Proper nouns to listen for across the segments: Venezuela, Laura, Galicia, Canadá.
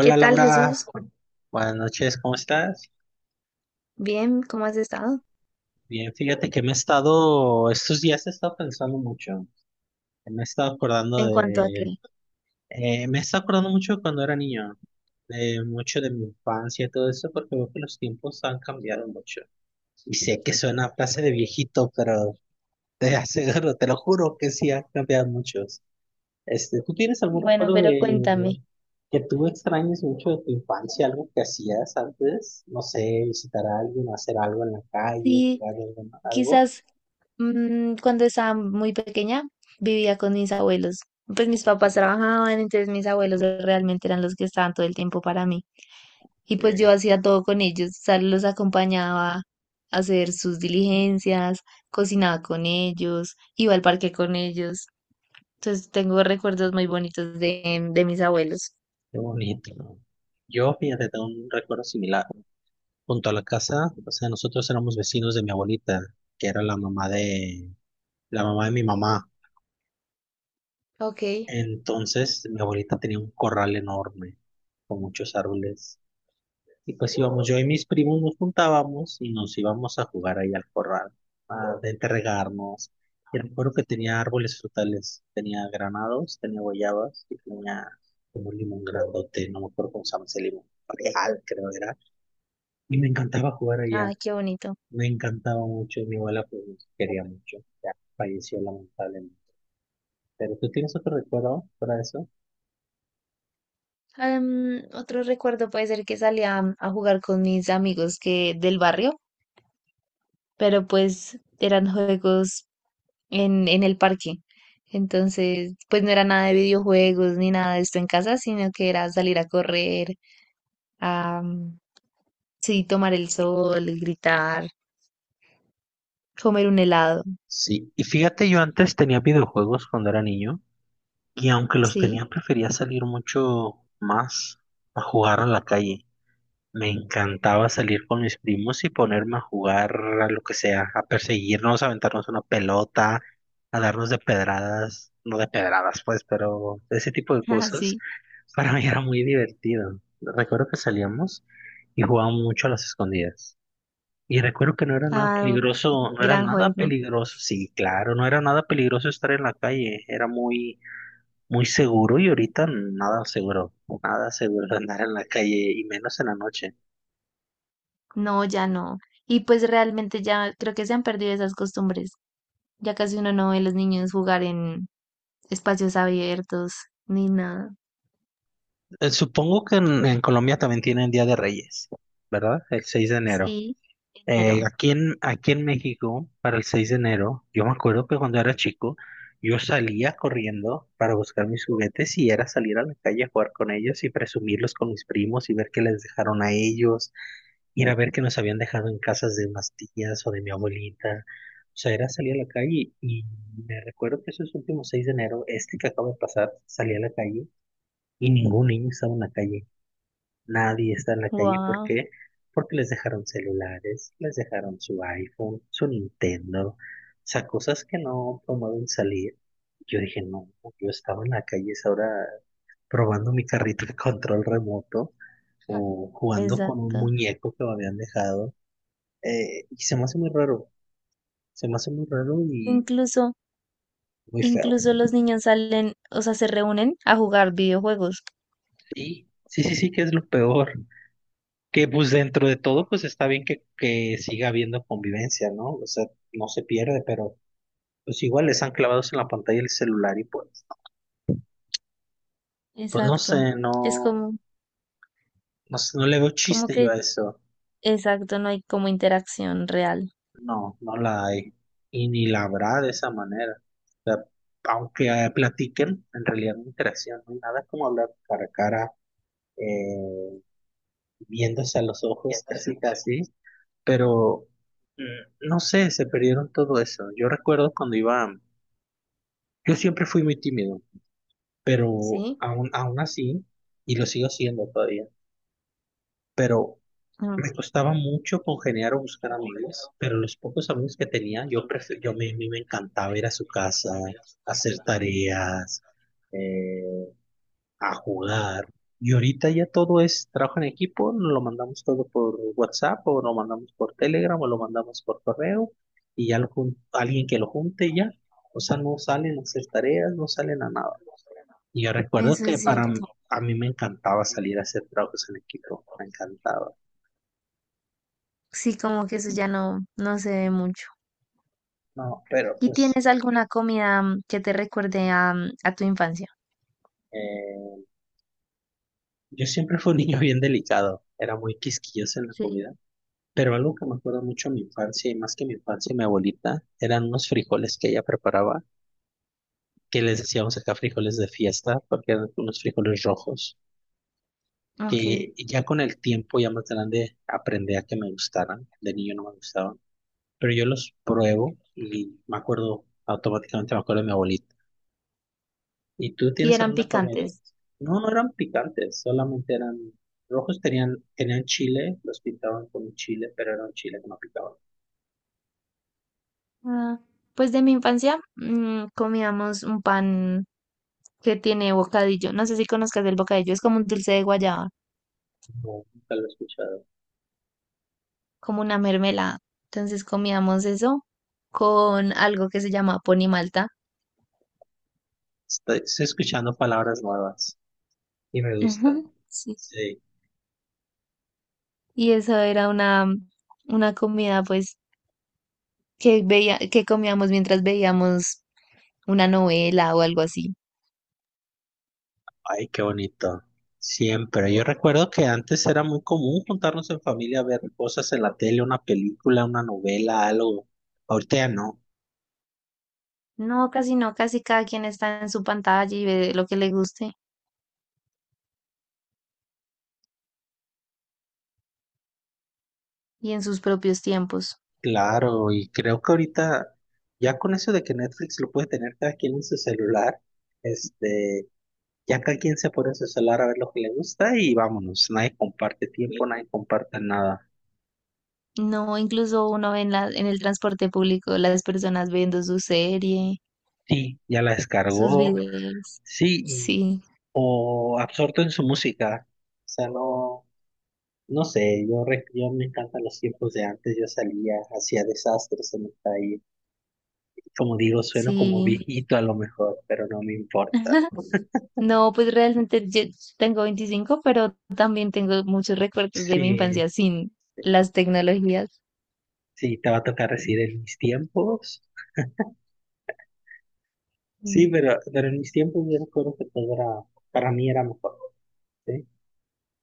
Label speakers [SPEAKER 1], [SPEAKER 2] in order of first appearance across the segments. [SPEAKER 1] ¿Qué tal,
[SPEAKER 2] Laura,
[SPEAKER 1] Jesús?
[SPEAKER 2] buenas noches, ¿cómo estás?
[SPEAKER 1] Bien, ¿cómo has estado?
[SPEAKER 2] Bien, fíjate que estos días he estado pensando mucho, me he estado acordando
[SPEAKER 1] ¿En cuanto a qué?
[SPEAKER 2] de, me he estado acordando mucho de cuando era niño, de mucho de mi infancia y todo eso, porque veo que los tiempos han cambiado mucho. Y sé que suena a frase de viejito, pero te aseguro, te lo juro que sí han cambiado mucho. ¿Tú tienes algún
[SPEAKER 1] Bueno,
[SPEAKER 2] recuerdo
[SPEAKER 1] pero
[SPEAKER 2] de
[SPEAKER 1] cuéntame.
[SPEAKER 2] que tú extrañes mucho de tu infancia, algo que hacías antes? No sé, visitar a alguien, hacer algo en la calle,
[SPEAKER 1] Sí,
[SPEAKER 2] jugar algo, ¿no? Algo.
[SPEAKER 1] quizás cuando estaba muy pequeña vivía con mis abuelos. Pues mis papás trabajaban, entonces mis abuelos realmente eran los que estaban todo el tiempo para mí. Y pues yo
[SPEAKER 2] Eh,
[SPEAKER 1] hacía todo con ellos, o sea, los acompañaba a hacer sus diligencias, cocinaba con ellos, iba al parque con ellos. Entonces tengo recuerdos muy bonitos de mis abuelos.
[SPEAKER 2] Qué bonito, ¿no? Yo, fíjate, tengo un recuerdo similar. Junto a la casa, o sea, nosotros éramos vecinos de mi abuelita, que era la mamá de mi mamá.
[SPEAKER 1] Ok,
[SPEAKER 2] Entonces, mi abuelita tenía un corral enorme, con muchos árboles. Y pues íbamos, yo y mis primos nos juntábamos y nos íbamos a jugar ahí al corral, a entregarnos. Y recuerdo que tenía árboles frutales, tenía granados, tenía guayabas y tenía como un limón grandote, no me acuerdo cómo se llama ese limón, real creo era. Y me encantaba jugar allá,
[SPEAKER 1] ay, qué bonito.
[SPEAKER 2] me encantaba mucho, mi abuela pues nos quería mucho, ya falleció lamentablemente. ¿Pero tú tienes otro recuerdo para eso?
[SPEAKER 1] Otro recuerdo puede ser que salía a jugar con mis amigos que del barrio, pero pues eran juegos en el parque. Entonces, pues no era nada de videojuegos ni nada de esto en casa, sino que era salir a correr, a sí, tomar el sol, gritar, comer un helado,
[SPEAKER 2] Sí, y fíjate, yo antes tenía videojuegos cuando era niño. Y aunque los
[SPEAKER 1] sí,
[SPEAKER 2] tenía, prefería salir mucho más a jugar a la calle. Me encantaba salir con mis primos y ponerme a jugar a lo que sea, a perseguirnos, a aventarnos una pelota, a darnos de pedradas, no de pedradas pues, pero ese tipo de
[SPEAKER 1] ah,
[SPEAKER 2] cosas
[SPEAKER 1] sí,
[SPEAKER 2] para mí era muy divertido. Recuerdo que salíamos y jugábamos mucho a las escondidas. Y recuerdo que no era nada
[SPEAKER 1] ah, sí,
[SPEAKER 2] peligroso, no era
[SPEAKER 1] gran
[SPEAKER 2] nada
[SPEAKER 1] juego.
[SPEAKER 2] peligroso, sí, claro, no era nada peligroso estar en la calle, era muy muy seguro y ahorita nada seguro, nada seguro de andar en la calle y menos en la noche.
[SPEAKER 1] No, ya no. Y pues realmente ya creo que se han perdido esas costumbres. Ya casi uno no ve a los niños jugar en espacios abiertos ni nada.
[SPEAKER 2] Supongo que en Colombia también tienen Día de Reyes, ¿verdad? El 6 de enero.
[SPEAKER 1] Sí, enero.
[SPEAKER 2] Aquí en México, para el 6 de enero, yo me acuerdo que cuando era chico, yo salía corriendo para buscar mis juguetes y era salir a la calle a jugar con ellos y presumirlos con mis primos y ver que les dejaron a ellos, ir a ver que nos habían dejado en casas de unas tías o de mi abuelita. O sea, era salir a la calle y me recuerdo que esos últimos 6 de enero, este que acaba de pasar, salí a la calle y ningún niño estaba en la calle. Nadie está en la calle. ¿Por
[SPEAKER 1] Wow,
[SPEAKER 2] qué? Porque les dejaron celulares, les dejaron su iPhone, su Nintendo, o sea, cosas que no promueven salir. Yo dije, no, yo estaba en la calle es ahora probando mi carrito de control remoto o jugando con un
[SPEAKER 1] exacto.
[SPEAKER 2] muñeco que me habían dejado. Y se me hace muy raro, se me hace muy raro y
[SPEAKER 1] Incluso,
[SPEAKER 2] muy feo.
[SPEAKER 1] incluso los niños salen, o sea, se reúnen a jugar videojuegos.
[SPEAKER 2] Sí, sí, sí, sí, que es lo peor. Que pues dentro de todo, pues está bien que siga habiendo convivencia, ¿no? O sea, no se pierde, pero pues igual están clavados en la pantalla del celular y pues, no
[SPEAKER 1] Exacto.
[SPEAKER 2] sé,
[SPEAKER 1] Es
[SPEAKER 2] no,
[SPEAKER 1] como,
[SPEAKER 2] no sé, no le veo
[SPEAKER 1] como
[SPEAKER 2] chiste yo
[SPEAKER 1] que,
[SPEAKER 2] a eso.
[SPEAKER 1] exacto, no hay como interacción real.
[SPEAKER 2] No, no la hay. Y ni la habrá de esa manera. O sea, aunque platiquen, en realidad no hay interacción, no hay nada como hablar cara a cara, eh, viéndose a los ojos casi casi, pero no sé, se perdieron todo eso. Yo recuerdo cuando iba, yo siempre fui muy tímido, pero
[SPEAKER 1] Sí.
[SPEAKER 2] aún así, y lo sigo siendo todavía, pero
[SPEAKER 1] Mm.
[SPEAKER 2] me costaba mucho congeniar o buscar amigos, pero los pocos amigos que tenía, yo, prefe- yo me, a mí me encantaba ir a su casa, hacer tareas, eh, a jugar. Y ahorita ya todo es trabajo en equipo, nos lo mandamos todo por WhatsApp o lo mandamos por Telegram o lo mandamos por correo y alguien que lo junte y ya. O sea, no salen a hacer tareas, no salen a nada. Y yo recuerdo
[SPEAKER 1] Eso
[SPEAKER 2] que
[SPEAKER 1] es cierto.
[SPEAKER 2] a mí me encantaba salir a hacer trabajos en equipo, me encantaba.
[SPEAKER 1] Sí, como que eso ya no se ve mucho.
[SPEAKER 2] No, pero
[SPEAKER 1] ¿Y
[SPEAKER 2] pues
[SPEAKER 1] tienes alguna comida que te recuerde a, a tu infancia?
[SPEAKER 2] Eh, yo siempre fui un niño bien delicado, era muy quisquilloso en la
[SPEAKER 1] Sí,
[SPEAKER 2] comida, pero algo que me acuerdo mucho de mi infancia, y más que mi infancia mi abuelita, eran unos frijoles que ella preparaba, que les decíamos acá frijoles de fiesta, porque eran unos frijoles rojos,
[SPEAKER 1] ok.
[SPEAKER 2] que ya con el tiempo, ya más grande, aprendí a que me gustaran, de niño no me gustaban, pero yo los pruebo y me acuerdo, automáticamente me acuerdo de mi abuelita. ¿Y tú
[SPEAKER 1] Y
[SPEAKER 2] tienes
[SPEAKER 1] eran
[SPEAKER 2] alguna comida?
[SPEAKER 1] picantes.
[SPEAKER 2] No, no eran picantes, solamente eran rojos, tenían chile, los pintaban con chile, pero era un chile que no picaba.
[SPEAKER 1] Ah, pues de mi infancia comíamos un pan que tiene bocadillo. No sé si conozcas el bocadillo, es como un dulce de guayaba,
[SPEAKER 2] No, nunca lo he escuchado.
[SPEAKER 1] como una mermelada. Entonces comíamos eso con algo que se llama ponimalta.
[SPEAKER 2] Estoy escuchando palabras nuevas y me gusta.
[SPEAKER 1] Ujú. Sí.
[SPEAKER 2] Sí,
[SPEAKER 1] Y eso era una comida pues que veía, que comíamos mientras veíamos una novela o algo así.
[SPEAKER 2] ay, qué bonito. Siempre. Yo recuerdo que antes era muy común juntarnos en familia a ver cosas en la tele, una película, una novela, algo. Ahorita ya no.
[SPEAKER 1] No, casi no, casi cada quien está en su pantalla y ve lo que le guste y en sus propios tiempos.
[SPEAKER 2] Claro, y creo que ahorita, ya con eso de que Netflix lo puede tener cada quien en su celular, este, ya cada quien se pone en su celular a ver lo que le gusta y vámonos, nadie comparte tiempo, nadie comparte nada.
[SPEAKER 1] No, incluso uno ve en en el transporte público las personas viendo su serie,
[SPEAKER 2] Sí, ya la
[SPEAKER 1] sus
[SPEAKER 2] descargó,
[SPEAKER 1] videos.
[SPEAKER 2] sí,
[SPEAKER 1] Sí,
[SPEAKER 2] o absorto en su música, o sea, no, no sé, yo me encantan los tiempos de antes, yo salía, hacía desastres en el país, como digo, sueno como
[SPEAKER 1] sí.
[SPEAKER 2] viejito a lo mejor, pero no me importa.
[SPEAKER 1] No, pues realmente yo tengo 25 pero también tengo muchos recuerdos de mi
[SPEAKER 2] Sí,
[SPEAKER 1] infancia sin
[SPEAKER 2] sí.
[SPEAKER 1] las tecnologías.
[SPEAKER 2] Sí, te va a tocar decir en mis tiempos. Sí,
[SPEAKER 1] Mm.
[SPEAKER 2] pero en mis tiempos yo recuerdo que todo era, para mí era mejor, ¿sí?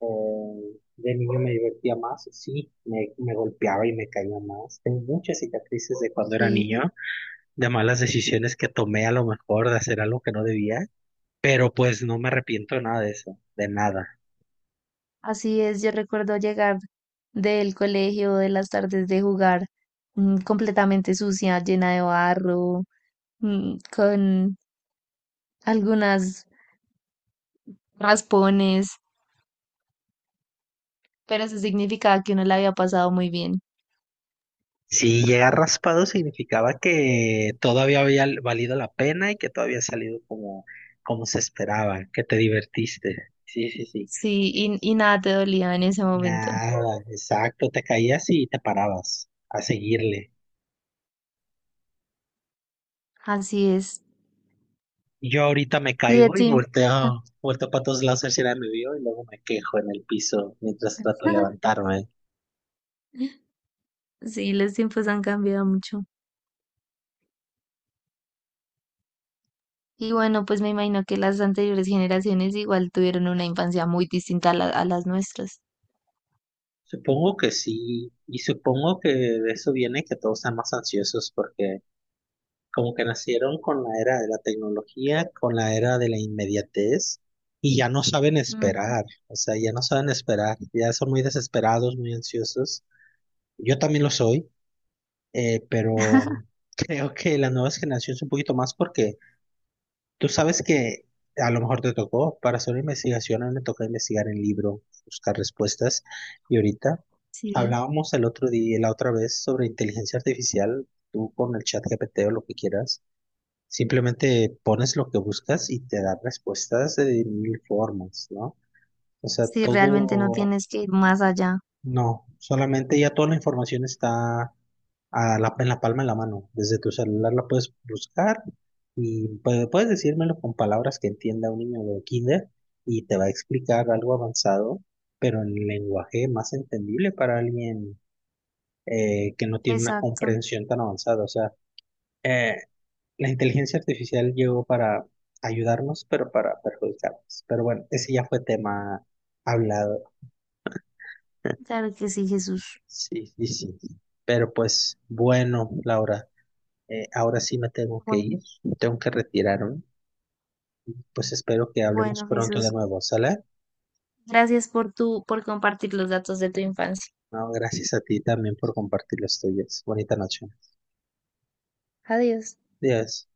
[SPEAKER 2] De niño me divertía más, sí, me golpeaba y me caía más. Tengo muchas cicatrices de cuando era
[SPEAKER 1] Sí,
[SPEAKER 2] niño, de malas decisiones que tomé a lo mejor, de hacer algo que no debía, pero pues no me arrepiento de nada de eso, de nada.
[SPEAKER 1] así es. Yo recuerdo llegar del colegio de las tardes de jugar completamente sucia, llena de barro, con algunas raspones pero eso significaba que uno la había pasado muy bien.
[SPEAKER 2] Si llegar raspado significaba que todavía había valido la pena y que todavía había salido como se esperaba, que te divertiste. Sí, sí, sí.
[SPEAKER 1] Sí, y nada te dolía en ese momento.
[SPEAKER 2] Nada, exacto, te caías y te parabas a seguirle.
[SPEAKER 1] Así es.
[SPEAKER 2] Yo ahorita me
[SPEAKER 1] Y de
[SPEAKER 2] caigo y
[SPEAKER 1] tiempo.
[SPEAKER 2] volteo, volteo para todos lados a ver si nadie me vio y luego me quejo en el piso mientras trato de levantarme.
[SPEAKER 1] Sí, los tiempos han cambiado mucho. Y bueno, pues me imagino que las anteriores generaciones igual tuvieron una infancia muy distinta a, la- a las nuestras.
[SPEAKER 2] Supongo que sí, y supongo que de eso viene que todos sean más ansiosos porque como que nacieron con la era de la tecnología, con la era de la inmediatez y ya no saben
[SPEAKER 1] Ujú.
[SPEAKER 2] esperar, o sea, ya no saben esperar, ya son muy desesperados, muy ansiosos. Yo también lo soy. Pero creo que las nuevas generaciones un poquito más porque tú sabes que a lo mejor te tocó, para hacer una investigación, a mí me toca investigar en libro, buscar respuestas, y ahorita
[SPEAKER 1] Sí,
[SPEAKER 2] hablábamos el otro día, la otra vez, sobre inteligencia artificial, tú con el Chat GPT o lo que quieras, simplemente pones lo que buscas y te da respuestas de mil formas, ¿no? O sea,
[SPEAKER 1] sí, realmente no
[SPEAKER 2] todo
[SPEAKER 1] tienes que ir más allá.
[SPEAKER 2] no, solamente ya toda la información está a la, en la palma de la mano. Desde tu celular la puedes buscar y puedes decírmelo con palabras que entienda un niño de kinder y te va a explicar algo avanzado, pero en lenguaje más entendible para alguien que no tiene una
[SPEAKER 1] Exacto.
[SPEAKER 2] comprensión tan avanzada. O sea, eh, la inteligencia artificial llegó para ayudarnos, pero para perjudicarnos. Pero bueno, ese ya fue tema hablado.
[SPEAKER 1] Claro que sí, Jesús.
[SPEAKER 2] Sí, sí, sí. Pero pues bueno, Laura, ahora sí me tengo que
[SPEAKER 1] Bueno,
[SPEAKER 2] ir, tengo que retirarme. Pues espero que hablemos
[SPEAKER 1] bueno,
[SPEAKER 2] pronto
[SPEAKER 1] Jesús.
[SPEAKER 2] de nuevo, ¿sale?
[SPEAKER 1] Gracias por tu, por compartir los datos de tu infancia.
[SPEAKER 2] No, gracias a ti también por compartir los tuyos. Bonita noche.
[SPEAKER 1] Adiós.
[SPEAKER 2] Adiós.